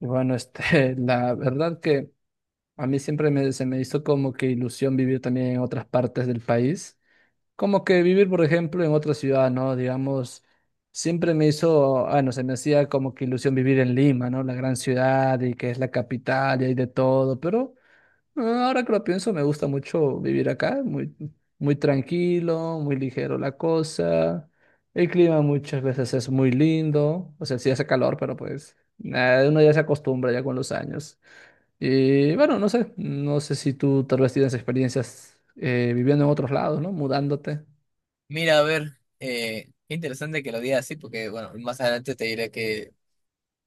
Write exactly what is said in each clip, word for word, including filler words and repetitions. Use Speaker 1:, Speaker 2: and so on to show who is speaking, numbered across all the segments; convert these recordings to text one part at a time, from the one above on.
Speaker 1: Y bueno, este, la verdad que a mí siempre me, se me hizo como que ilusión vivir también en otras partes del país. Como que vivir, por ejemplo, en otra ciudad, ¿no? Digamos, siempre me hizo, ah, no se me hacía como que ilusión vivir en Lima, ¿no? La gran ciudad y que es la capital y hay de todo, pero... Ah, Ahora que lo pienso, me gusta mucho vivir acá, muy, muy tranquilo, muy ligero la cosa. El clima muchas veces es muy lindo, o sea, sí hace calor, pero pues nada, uno ya se acostumbra ya con los años. Y bueno, no sé, no sé si tú tal vez tienes experiencias eh, viviendo en otros lados, ¿no? Mudándote.
Speaker 2: Mira, a ver, eh, qué interesante que lo digas así, porque bueno, más adelante te diré que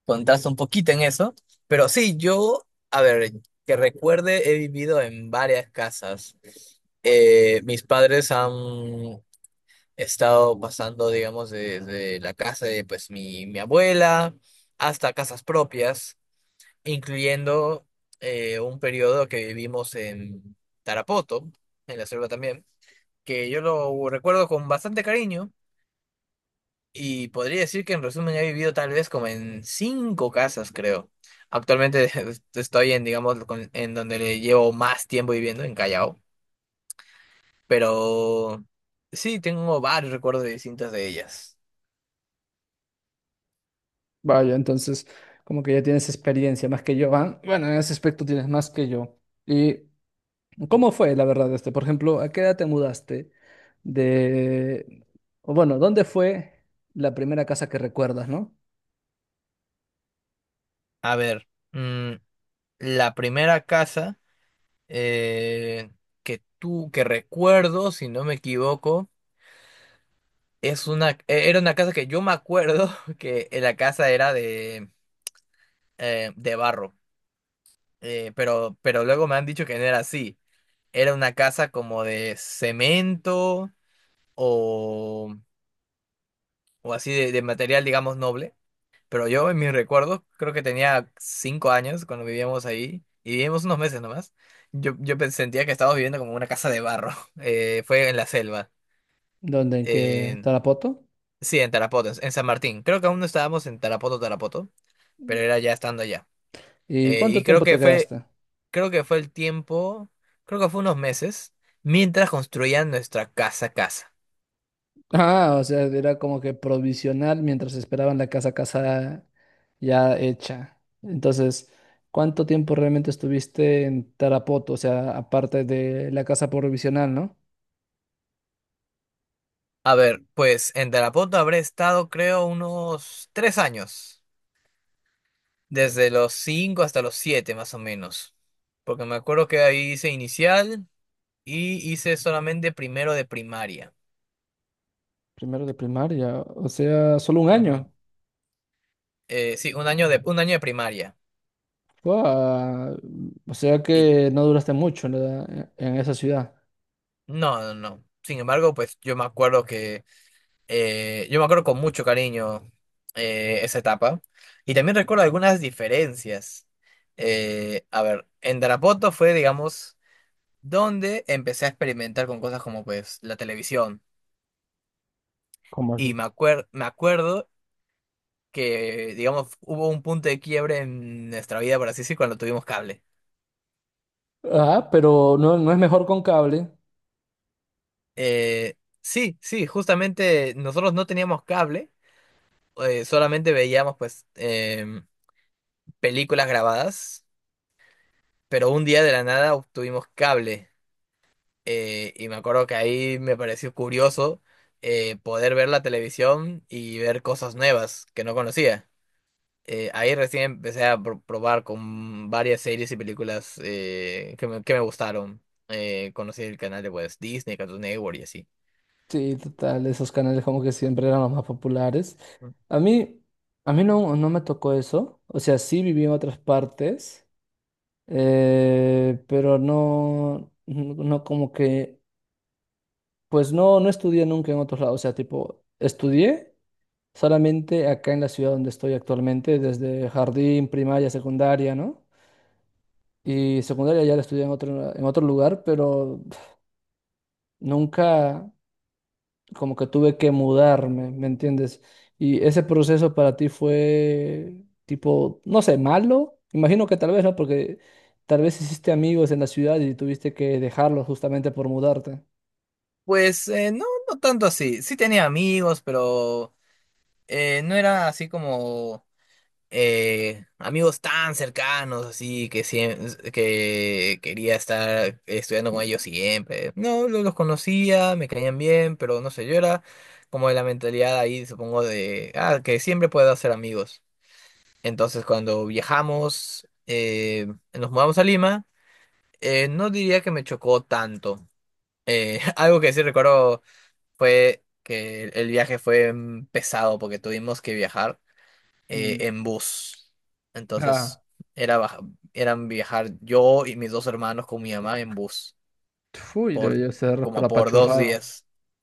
Speaker 2: contaste un poquito en eso. Pero sí, yo, a ver, que recuerde, he vivido en varias casas. Eh, mis padres han estado pasando, digamos, desde la casa de pues mi, mi abuela hasta casas propias, incluyendo eh, un periodo que vivimos en Tarapoto, en la selva también, que yo lo recuerdo con bastante cariño. Y podría decir que en resumen he vivido tal vez como en cinco casas, creo. Actualmente estoy en, digamos, con- en donde le llevo más tiempo viviendo, en Callao. Pero sí, tengo varios recuerdos de distintas de ellas.
Speaker 1: Vaya, entonces como que ya tienes experiencia más que yo, ¿va? Bueno, en ese aspecto tienes más que yo. Y ¿cómo fue, la verdad, este? Por ejemplo, ¿a qué edad te mudaste de, o bueno, ¿dónde fue la primera casa que recuerdas, ¿no?
Speaker 2: A ver, mm, la primera casa eh, que tú, que recuerdo, si no me equivoco, es una, eh, era una casa que yo me acuerdo que la casa era de, eh, de barro. Eh, pero, pero luego me han dicho que no era así. Era una casa como de cemento o, o así de, de material, digamos, noble. Pero yo en mis recuerdos, creo que tenía cinco años cuando vivíamos ahí y vivimos unos meses nomás. Yo, yo pe- sentía que estábamos viviendo como una casa de barro. Eh, fue en la selva.
Speaker 1: ¿Dónde, en qué
Speaker 2: en-
Speaker 1: Tarapoto?
Speaker 2: sí, en Tarapoto, en en San Martín. Creo que aún no estábamos en Tarapoto, Tarapoto, pero era ya estando allá.
Speaker 1: ¿Y
Speaker 2: Eh,
Speaker 1: cuánto
Speaker 2: y creo
Speaker 1: tiempo
Speaker 2: que
Speaker 1: te
Speaker 2: fue,
Speaker 1: quedaste?
Speaker 2: creo que fue el tiempo, creo que fue unos meses mientras construían nuestra casa, casa.
Speaker 1: Ah, o sea, era como que provisional mientras esperaban la casa casa ya hecha. Entonces, ¿cuánto tiempo realmente estuviste en Tarapoto? O sea, aparte de la casa provisional, ¿no?
Speaker 2: A ver, pues en Tarapoto habré estado creo unos tres años, desde los cinco hasta los siete más o menos, porque me acuerdo que ahí hice inicial y hice solamente primero de primaria.
Speaker 1: Primero de primaria, o sea, solo un
Speaker 2: Ujú.
Speaker 1: año.
Speaker 2: Eh, sí, un año de, un año de primaria.
Speaker 1: Guau, o sea
Speaker 2: Y
Speaker 1: que no duraste mucho en, la- en esa ciudad.
Speaker 2: no, no, no. Sin embargo, pues yo me acuerdo que eh, yo me acuerdo con mucho cariño eh, esa etapa y también recuerdo algunas diferencias. Eh, a ver, en Tarapoto fue, digamos, donde empecé a experimentar con cosas como pues la televisión.
Speaker 1: ¿Cómo así?
Speaker 2: Y me acuer- me acuerdo que, digamos, hubo un punto de quiebre en nuestra vida, por así decir, cuando tuvimos cable.
Speaker 1: Ah, pero no, no es mejor con cable.
Speaker 2: Eh, sí, sí, justamente nosotros no teníamos cable, eh, solamente veíamos pues em, películas grabadas, pero un día de la nada obtuvimos cable. Eh, y me acuerdo que ahí me pareció curioso eh, poder ver la televisión y ver cosas nuevas que no conocía. Eh, ahí recién empecé a pro- probar con varias series y películas eh, que me, que me gustaron. Eh, conocí el canal de pues, Disney, Cartoon Network y así.
Speaker 1: Sí, total, esos canales como que siempre eran los más populares. A mí, a mí no, no me tocó eso. O sea, sí viví en otras partes, eh, pero no, no no como que, pues no, no estudié nunca en otros lados. O sea, tipo, estudié solamente acá en la ciudad donde estoy actualmente, desde jardín, primaria, secundaria, ¿no? Y secundaria ya la estudié en otro, en otro lugar, pero nunca como que tuve que mudarme, ¿me entiendes? Y ese proceso para ti fue tipo, no sé, malo. Imagino que tal vez no, porque tal vez hiciste amigos en la ciudad y tuviste que dejarlos justamente por mudarte.
Speaker 2: Pues eh, no, no tanto así. Sí tenía amigos, pero eh, no era así como eh, amigos tan cercanos, así que, siem- que quería estar estudiando con ellos siempre. No, lo- los conocía, me caían bien, pero no sé, yo era como de la mentalidad ahí, supongo, de ah, que siempre puedo hacer amigos. Entonces, cuando viajamos, eh, nos mudamos a Lima, eh, no diría que me chocó tanto. Eh, algo que sí recuerdo fue que el viaje fue mm, pesado porque tuvimos que viajar eh,
Speaker 1: Mm.
Speaker 2: en bus.
Speaker 1: Ah,
Speaker 2: Entonces, era baja- eran viajar yo y mis dos hermanos con mi mamá en bus
Speaker 1: uy,
Speaker 2: por
Speaker 1: debió ser,
Speaker 2: como
Speaker 1: pero
Speaker 2: por dos
Speaker 1: apachurrado.
Speaker 2: días.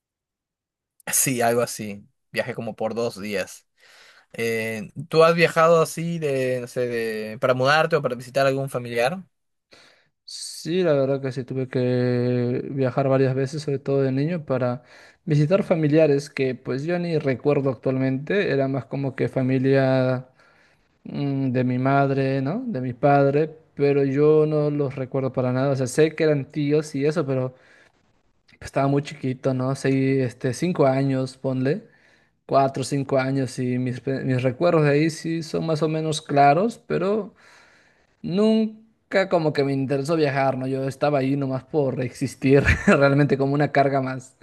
Speaker 2: Sí, algo así. Viaje como por dos días. Eh, ¿tú has viajado así de, no sé, de- para mudarte o para visitar algún familiar?
Speaker 1: Sí, la verdad que sí, tuve que viajar varias veces, sobre todo de niño, para visitar familiares que pues yo ni recuerdo actualmente, era más como que familia mm, de mi madre, ¿no? De mi padre, pero yo no los recuerdo para nada, o sea, sé que eran tíos y eso, pero pues, estaba muy chiquito, ¿no? Seis, este, cinco años, ponle, cuatro, cinco años y mis, pe- mis recuerdos de ahí sí son más o menos claros, pero... Nunca como que me interesó viajar, ¿no? Yo estaba ahí nomás por existir, realmente como una carga más.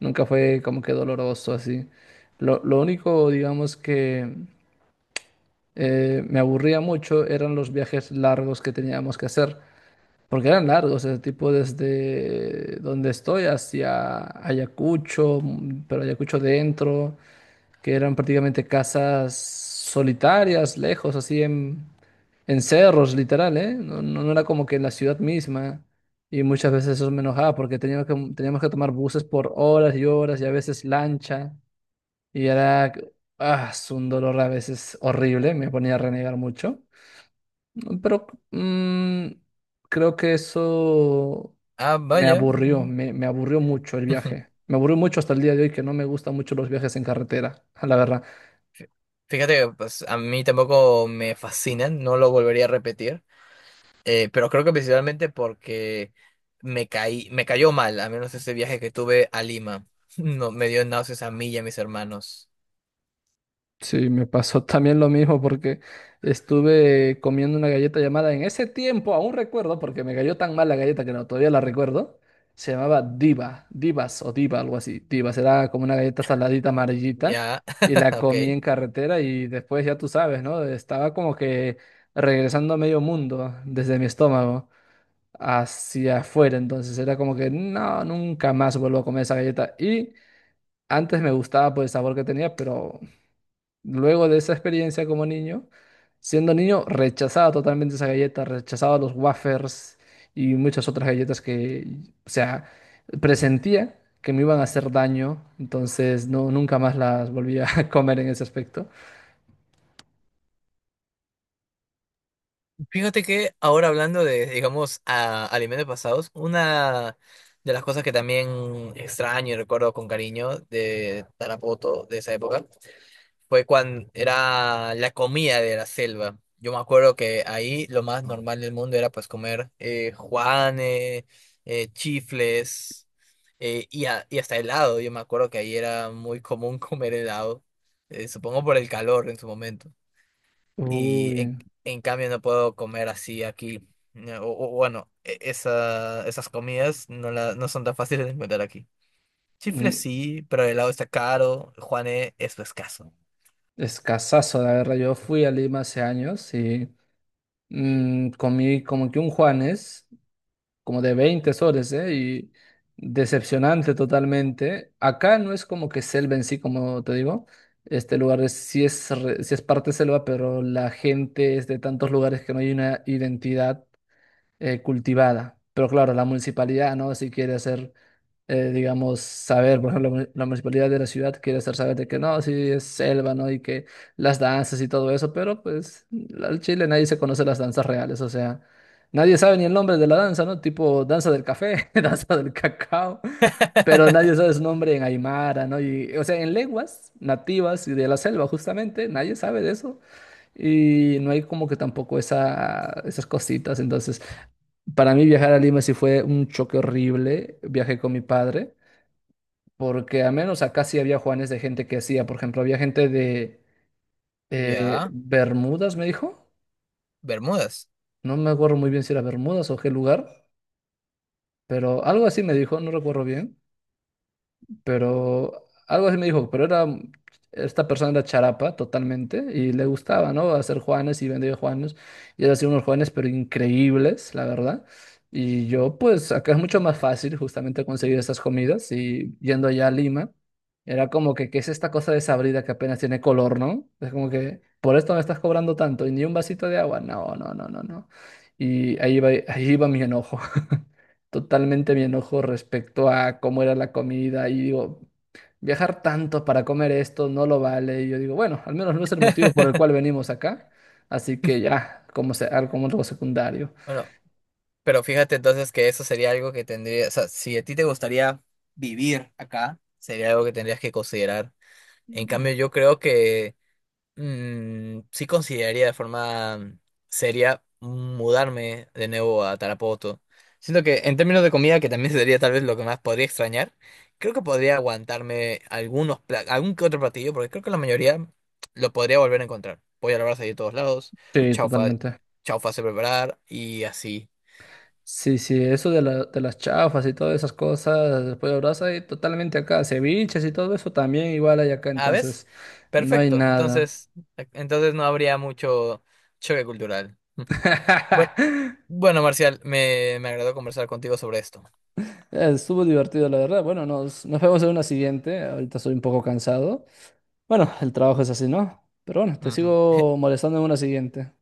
Speaker 1: Nunca fue como que doloroso así. Lo, lo único, digamos, que eh, me aburría mucho eran los viajes largos que teníamos que hacer, porque eran largos, ese tipo desde donde estoy hacia Ayacucho, mm, pero Ayacucho dentro, que eran prácticamente casas solitarias, lejos, así en en cerros, literal, ¿eh? No, no, no era como que en la ciudad misma. Y muchas veces eso me enojaba porque teníamos que, teníamos que tomar buses por horas y horas y a veces lancha. Y era, ah, es un dolor a veces horrible, me ponía a renegar mucho. Pero mm, creo que eso
Speaker 2: Ah,
Speaker 1: me
Speaker 2: vaya.
Speaker 1: aburrió,
Speaker 2: Mm.
Speaker 1: me, me aburrió mucho el viaje. Me aburrió mucho hasta el día de hoy que no me gustan mucho los viajes en carretera, la verdad.
Speaker 2: Fí- Fíjate que pues, a mí tampoco me fascinan, no lo volvería a repetir, eh, pero creo que principalmente porque me caí, me cayó mal, a menos ese viaje que tuve a Lima. No, me dio náuseas a mí y a mis hermanos.
Speaker 1: Sí, me pasó también lo mismo porque estuve comiendo una galleta llamada en ese tiempo, aún recuerdo, porque me cayó tan mal la galleta que no, todavía la recuerdo. Se llamaba Diva, Divas o Diva, algo así. Divas era como una galleta saladita amarillita
Speaker 2: Ya,
Speaker 1: y la
Speaker 2: ok.
Speaker 1: comí en carretera y después ya tú sabes, ¿no? Estaba como que regresando a medio mundo desde mi estómago hacia afuera, entonces era como que no, nunca más vuelvo a comer esa galleta y antes me gustaba por el sabor que tenía, pero luego de esa experiencia como niño, siendo niño, rechazaba totalmente esa galleta, rechazaba los wafers y muchas otras galletas que, o sea, presentía que me iban a hacer daño, entonces no, nunca más las volví a comer en ese aspecto.
Speaker 2: Fíjate que ahora hablando de, digamos, a, alimentos pasados, una de las cosas que también extraño y recuerdo con cariño de Tarapoto, de esa época, fue cuando era la comida de la selva. Yo me acuerdo que ahí lo más normal del mundo era pues comer eh, juanes, eh, chifles eh, y, a- y hasta helado. Yo me acuerdo que ahí era muy común comer helado, eh, supongo por el calor en su momento. Y
Speaker 1: Uy,
Speaker 2: en, en cambio no puedo comer así aquí. No, O, o bueno, e- esa, esas comidas no, la, no son tan fáciles de encontrar aquí.
Speaker 1: mm,
Speaker 2: Chifles sí, pero el helado está caro, juanes es escaso.
Speaker 1: escasazo, la verdad. Yo fui a Lima hace años y mm, comí como que un Juanes. Como de veinte soles, ¿eh? Y decepcionante totalmente. Acá no es como que selva en sí, como te digo. Este lugar es, sí es, re- sí es parte selva, pero la gente es de tantos lugares que no hay una identidad eh, cultivada. Pero claro, la municipalidad, ¿no? Si quiere hacer, eh, digamos, saber, por ejemplo, la mu- la municipalidad de la ciudad quiere hacer saber de que no, sí es selva, ¿no? Y que las danzas y todo eso, pero pues al Chile nadie se conoce las danzas reales, o sea, nadie sabe ni el nombre de la danza, ¿no? Tipo danza del café, danza del cacao, pero nadie sabe su nombre en Aymara, ¿no? Y, o sea, en lenguas nativas y de la selva, justamente, nadie sabe de eso. Y no hay como que tampoco esa, esas cositas, entonces... Para mí viajar a Lima sí fue un choque horrible. Viajé con mi padre, porque al menos acá sí había Juanes de gente que hacía. Por ejemplo, había gente de eh,
Speaker 2: Ya.
Speaker 1: Bermudas, me dijo.
Speaker 2: Bermudas.
Speaker 1: No me acuerdo muy bien si era Bermudas o qué lugar, pero algo así me dijo, no recuerdo bien. Pero algo así me dijo, pero era, esta persona era charapa totalmente y le gustaba, ¿no? Hacer juanes y vendía juanes y él hacía unos juanes pero increíbles, la verdad. Y yo, pues, acá es mucho más fácil justamente conseguir esas comidas y yendo allá a Lima, era como que, ¿qué es esta cosa desabrida que apenas tiene color, ¿no? Es como que, por esto me estás cobrando tanto y ni un vasito de agua, no, no, no, no, no. Y ahí iba, ahí iba mi enojo, totalmente mi enojo respecto a cómo era la comida y digo, viajar tanto para comer esto no lo vale. Y yo digo, bueno, al menos no es el motivo por el cual venimos acá. Así que ya, como se- algo como algo secundario.
Speaker 2: Bueno, pero fíjate entonces que eso sería algo que tendría, o sea, si a ti te gustaría vivir acá, sería algo que tendrías que considerar. En
Speaker 1: Mm.
Speaker 2: cambio, yo creo que mm, sí consideraría de forma seria mudarme de nuevo a Tarapoto. Siento que en términos de comida, que también sería tal vez lo que más podría extrañar, creo que podría aguantarme algunos pla- algún que otro platillo, porque creo que la mayoría lo podría volver a encontrar. Voy a la brasa de todos lados,
Speaker 1: Sí,
Speaker 2: chaufa,
Speaker 1: totalmente.
Speaker 2: chaufa sé preparar y así.
Speaker 1: Sí, sí, eso de, la- de las chafas y todas esas cosas, después de brasa, y totalmente acá. Ceviches y todo eso también igual hay acá,
Speaker 2: Ah, ¿ves?
Speaker 1: entonces no hay
Speaker 2: Perfecto.
Speaker 1: nada.
Speaker 2: Entonces, e, entonces no habría mucho choque cultural. Bueno, bueno, Marcial, me, me agradó conversar contigo sobre esto.
Speaker 1: Estuvo divertido, la verdad. Bueno, nos, nos vemos en una siguiente. Ahorita soy un poco cansado. Bueno, el trabajo es así, ¿no? Pero bueno, te
Speaker 2: Ujú.
Speaker 1: sigo molestando en una siguiente.